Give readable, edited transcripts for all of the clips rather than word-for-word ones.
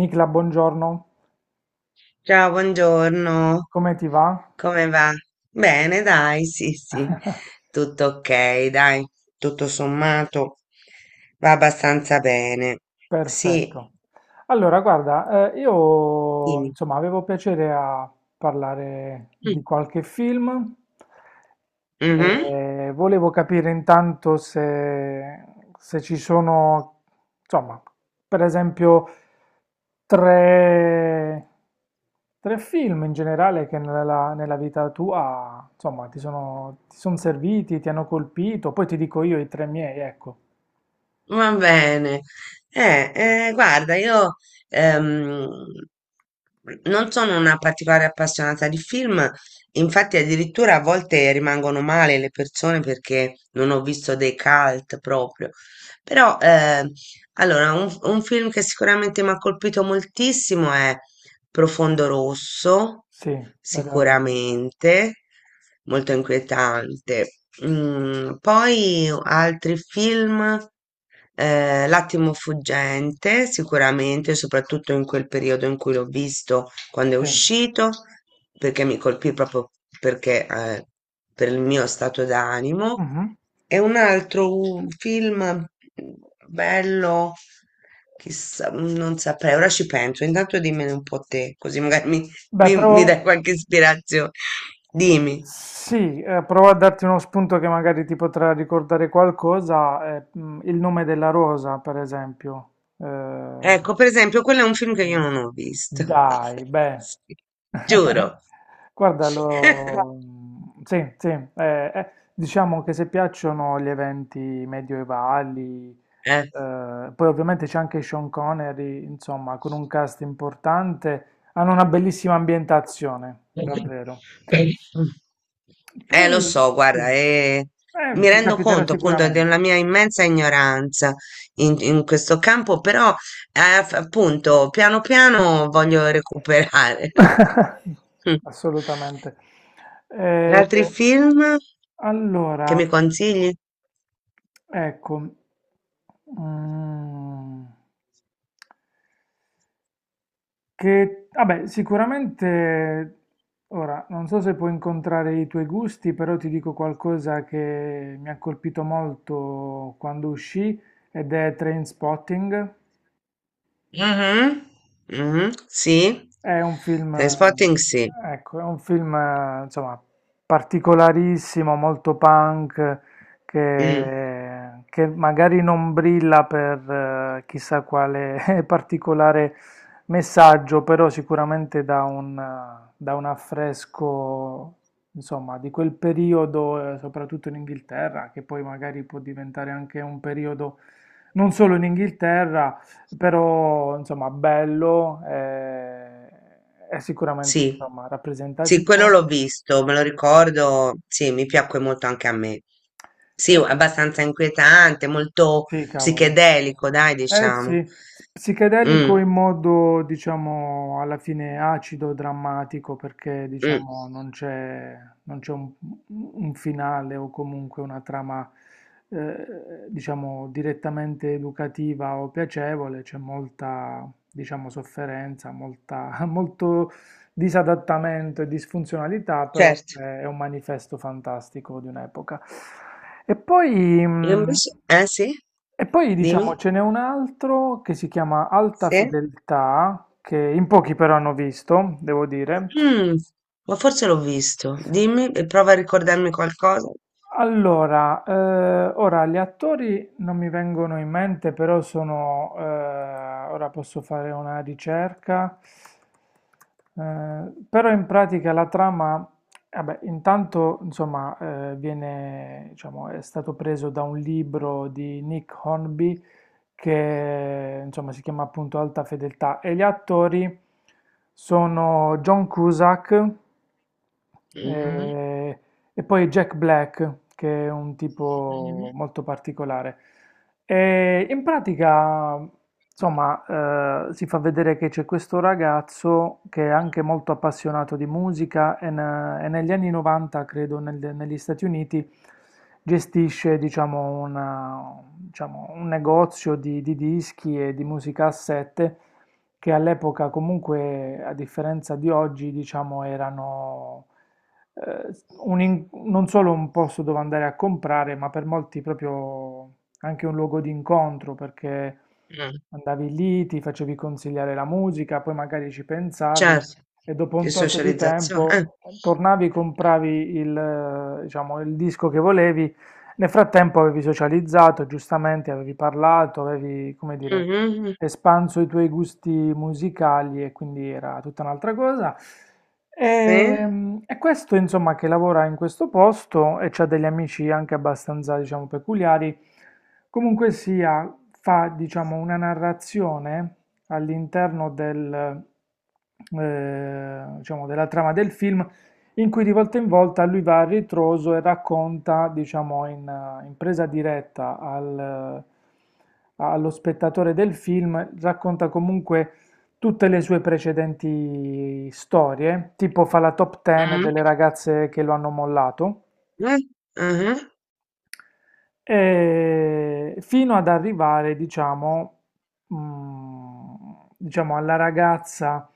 Nicla, buongiorno, Ciao, buongiorno, come ti va? come va? Bene, dai, sì, sì, tutto ok, dai, tutto sommato va abbastanza bene. Sì, Perfetto. Allora, guarda, io dimmi. insomma avevo piacere a parlare di Mm. qualche film Mhm. e volevo capire intanto se, se ci sono, insomma, per esempio, tre, tre film in generale che nella vita tua, insomma, ti sono serviti, ti hanno colpito, poi ti dico io i tre miei, ecco. Va bene. Eh, guarda, io ehm, non sono una particolare appassionata di film, infatti addirittura a volte rimangono male le persone perché non ho visto dei cult proprio. Però, allora, un film che sicuramente mi ha colpito moltissimo è Profondo Rosso, Sì, Dario Argento. sicuramente, molto inquietante. Mm, poi altri film, L'attimo fuggente, sicuramente, soprattutto in quel periodo in cui l'ho visto, quando è Sì. uscito, perché mi colpì proprio perché, eh, per il mio stato d'animo. Mhm. E un altro un film bello, chissà, non saprei, ora ci penso. Intanto dimmene un po' te, così magari mi, Beh, mi, provo, mi dai qualche ispirazione. Dimmi. sì, provo a darti uno spunto che magari ti potrà ricordare qualcosa. Il nome della rosa, per esempio. Ecco, per esempio, quello è un film che io Eh, non ho visto. Dai, beh, Sì, giuro. guarda, No, lo... Sì, diciamo che se piacciono gli eventi medioevali, eh. Poi ovviamente c'è anche Sean Connery, insomma, con un cast importante, hanno una bellissima ambientazione, davvero. Lo so, Poi, sì, guarda, mi ti rendo capiterà conto appunto sicuramente. della mia immensa ignoranza in questo campo, però appunto piano piano voglio recuperare. Mm. Assolutamente. Eh, Altri film che allora, mi consigli? ecco. Mhmm. Che vabbè, sicuramente ora non so se puoi incontrare i tuoi gusti, però ti dico qualcosa che mi ha colpito molto quando uscì ed è Trainspotting. Mhm, mhm, sì, È un film, Trainspotting sì. ecco, è un film, insomma, particolarissimo, molto punk, Mm. Che magari non brilla per chissà quale particolare messaggio, però sicuramente dà dà un affresco, insomma, di quel periodo, soprattutto in Inghilterra, che poi magari può diventare anche un periodo non solo in Inghilterra, però insomma bello, è sicuramente Sì, insomma, sì, quello rappresentativo. l'ho visto, me lo ricordo, sì, mi piacque molto anche a me. Sì, Eh, abbastanza inquietante, molto sì, cavolo. psichedelico, dai, Eh diciamo. sì, psichedelico Mm, in modo diciamo alla fine acido, drammatico, perché mm, diciamo non c'è un finale o comunque una trama eh, diciamo direttamente educativa o piacevole, c'è molta diciamo sofferenza, molta, molto disadattamento e disfunzionalità, però certo. È un manifesto fantastico di un'epoca. E poi, E mh, invece, eh sì, e poi dimmi, diciamo ce n'è un altro che si chiama Alta sì. Fedeltà, che in pochi però hanno visto, devo dire. Mm, ma forse l'ho visto, dimmi, e prova a ricordarmi qualcosa. Allora, ora gli attori non mi vengono in mente, però sono, ora posso fare una ricerca. Eh, però in pratica la trama, vabbè, intanto, insomma, viene, diciamo, è stato preso da un libro di Nick Hornby che, insomma, si chiama appunto Alta Fedeltà e gli attori sono John Cusack, Mm, eh, e poi Jack Black, che è un tipo mm, molto particolare. E in pratica, insomma, si fa vedere che c'è questo ragazzo che è anche molto appassionato di musica e, e negli anni 90, credo, negli Stati Uniti, gestisce, diciamo, diciamo, un negozio di dischi e di musica a sette che all'epoca comunque, a differenza di oggi, diciamo, erano non solo un posto dove andare a comprare, ma per molti proprio anche un luogo di incontro, perché mm. andavi lì, ti facevi consigliare la musica, poi magari ci pensavi Certo, e dopo un di tot di socializzazione, eh. tempo tornavi, compravi diciamo, il disco che volevi. Nel frattempo avevi socializzato, giustamente avevi parlato, avevi, come dire, Mhm, espanso i tuoi gusti musicali e quindi era tutta un'altra cosa. sì. E questo, insomma, che lavora in questo posto e c'ha degli amici anche abbastanza, diciamo, peculiari. Comunque sia, fa, diciamo, una narrazione all'interno diciamo, della trama del film in cui di volta in volta lui va a ritroso e racconta, diciamo, in presa diretta allo spettatore del film, racconta comunque tutte le sue precedenti storie, tipo fa la top 10 Mm, delle ragazze che lo hanno mollato eh, mhm. Fino ad arrivare, diciamo, mm, diciamo, alla ragazza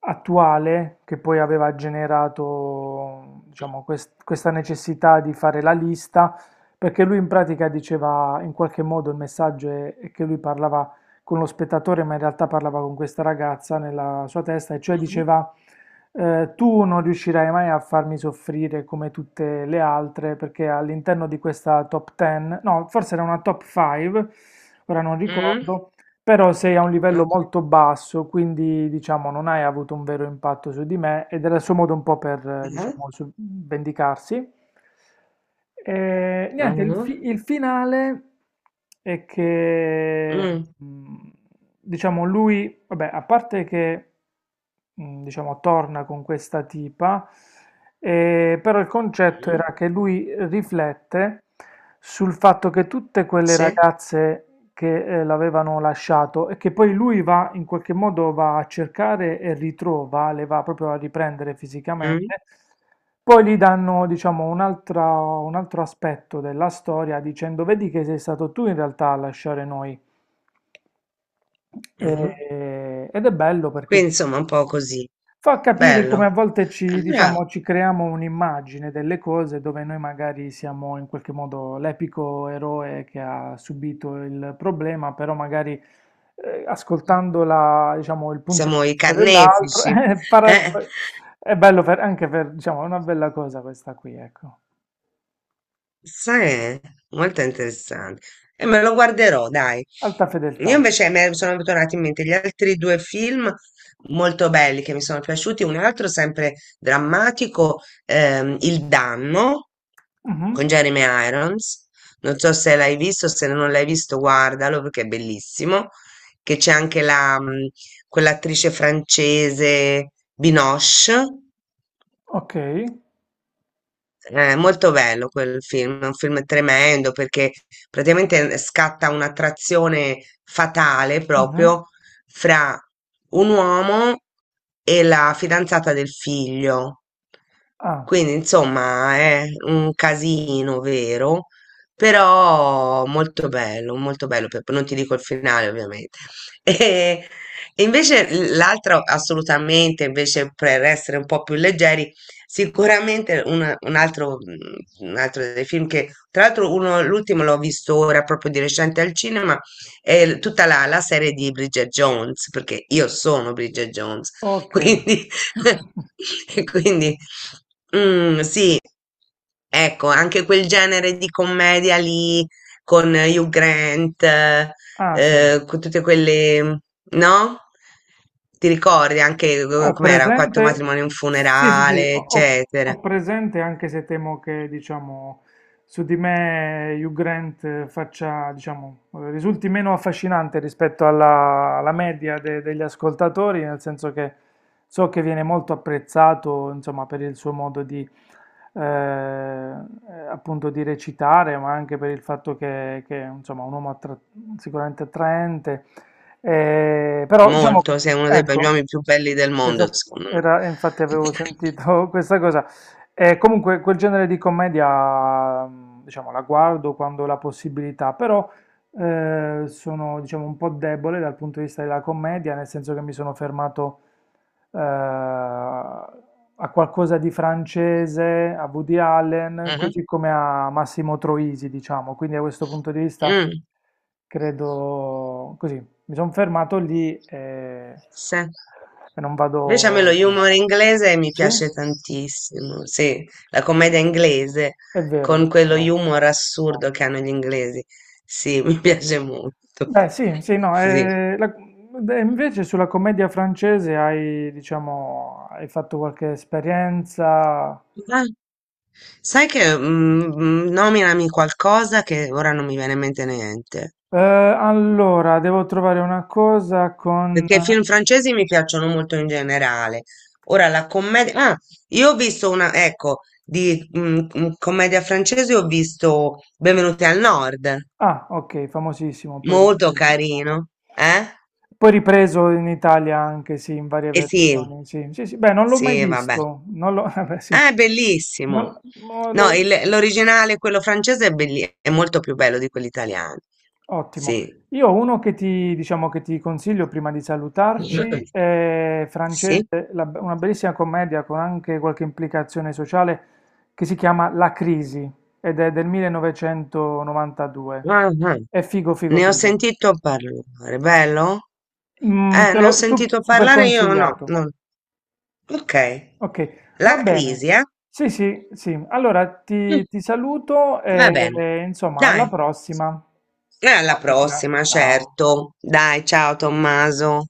attuale che poi aveva generato, diciamo, questa necessità di fare la lista, perché lui in pratica diceva, in qualche modo il messaggio è che lui parlava con lo spettatore, ma in realtà parlava con questa ragazza nella sua testa, e cioè diceva tu non riuscirai mai a farmi soffrire come tutte le altre perché all'interno di questa top 10, no, forse era una top 5, ora non Mh. ricordo, però sei a un livello Ah. molto basso, quindi diciamo non hai avuto un vero impatto su di me ed era il suo modo un po' per, Ah-ah. diciamo, vendicarsi. E, niente, Ah-ah. Il finale è che, Mh. mh, diciamo, lui, vabbè, a parte che, diciamo, torna con questa tipa, però il concetto Mh. era che lui riflette sul fatto che tutte quelle Sì. ragazze che l'avevano lasciato e che poi lui va in qualche modo va a cercare e ritrova, le va proprio a riprendere Mh. fisicamente. Poi gli danno, diciamo, un altro aspetto della storia dicendo: Vedi che sei stato tu in realtà a lasciare noi. Ah-ah. Ed è bello perché Quindi insomma un po' così. fa capire come a Bello. volte ci, Allora diciamo, ci creiamo un'immagine delle cose dove noi magari siamo in qualche modo l'epico eroe che ha subito il problema, però magari ascoltando diciamo, il punto di siamo i vista dell'altro carnefici, eh. è bello anche per, diciamo, è una bella cosa questa qui, ecco. Sai, eh? Molto interessante. E me lo guarderò, dai. Alta fedeltà. Io invece mi sono tornati in mente gli altri due film molto belli che mi sono piaciuti. Un altro sempre drammatico, Il Danno con Mhm. Jeremy Irons. Non so se l'hai visto, se non l'hai visto, guardalo perché è bellissimo. Che c'è anche quell'attrice francese Binoche. Ok. È molto bello quel film, è un film tremendo perché praticamente scatta un'attrazione fatale Mhm. proprio fra un uomo e la fidanzata del figlio. Ah, Quindi, insomma, è un casino vero, però molto bello, molto bello. Non ti dico il finale, ovviamente. E invece l'altro assolutamente, invece per essere un po' più leggeri, sicuramente un altro dei film che, tra l'altro, l'ultimo l'ho visto ora proprio di recente al cinema, è tutta la serie di Bridget Jones, perché io sono Bridget Jones, ok. quindi, quindi mm, sì, ecco, anche quel genere di commedia lì con Hugh Grant Ah, sì. Con tutte quelle, no? Ti ricordi anche Ho com'era? Quattro presente, matrimoni e un sì, sì, sì, funerale, eccetera. ho presente anche se temo che, diciamo, su di me Hugh Grant risulti meno affascinante rispetto alla media degli ascoltatori, nel senso che so che viene molto apprezzato, insomma, per il suo modo di, appunto, di recitare, ma anche per il fatto che, insomma, è un uomo sicuramente attraente. Però, diciamo, Molto, sei uno gli ecco. uomini più belli del mondo, Esatto, secondo me. era, infatti avevo sentito questa cosa. E comunque quel genere di commedia, diciamo, la guardo quando ho la possibilità, però sono, diciamo, un po' debole dal punto di vista della commedia, nel senso che mi sono fermato a qualcosa di francese, a Woody Allen, Mhm. così come a Massimo Troisi, diciamo. Quindi da questo punto di vista Mm, credo così, mi sono fermato lì sì. e non vado Invece a me lo oltre. humor inglese mi Sì, piace tantissimo, sì, la commedia inglese è con vero, quello però. humor assurdo che hanno gli inglesi, sì, mi piace molto, Beh, sì, sì, no, sì. E invece sulla commedia francese hai, diciamo, hai fatto qualche esperienza? Sai che nominami qualcosa che ora non mi viene in mente niente, Allora, devo trovare una cosa con... perché i film francesi mi piacciono molto in generale. Ora la commedia... Ah, io ho visto una, ecco, di commedia francese ho visto Benvenuti al Nord, Ah, ok, famosissimo, poi molto ripreso. carino, eh? Poi ripreso in Italia anche, sì, in varie E sì, versioni, sì. Sì, sì, beh, non l'ho mai sì, vabbè. visto, non l'ho, vabbè, sì. Ah, è bellissimo. Non No, l'ho... l'originale, quello francese, è, è molto più bello di quello italiano. Ottimo. Sì. Io ho uno che ti, diciamo, che ti consiglio prima di salutarci, è francese, Sì? Una bellissima commedia con anche qualche implicazione sociale che si chiama La Crisi ed è del 1992. Ah, ah. È figo, figo, Ne ho figo. sentito parlare, bello? Mm, te Ne ho l'ho sentito super parlare io, no, consigliato. no. Ok. Ok, La va bene. Crisi, eh? Sì, sì, sì. Allora Mm, ti saluto va bene. e, insomma alla Dai, prossima. e alla Ciao, Nicla. prossima, Ciao. certo. Dai, ciao Tommaso.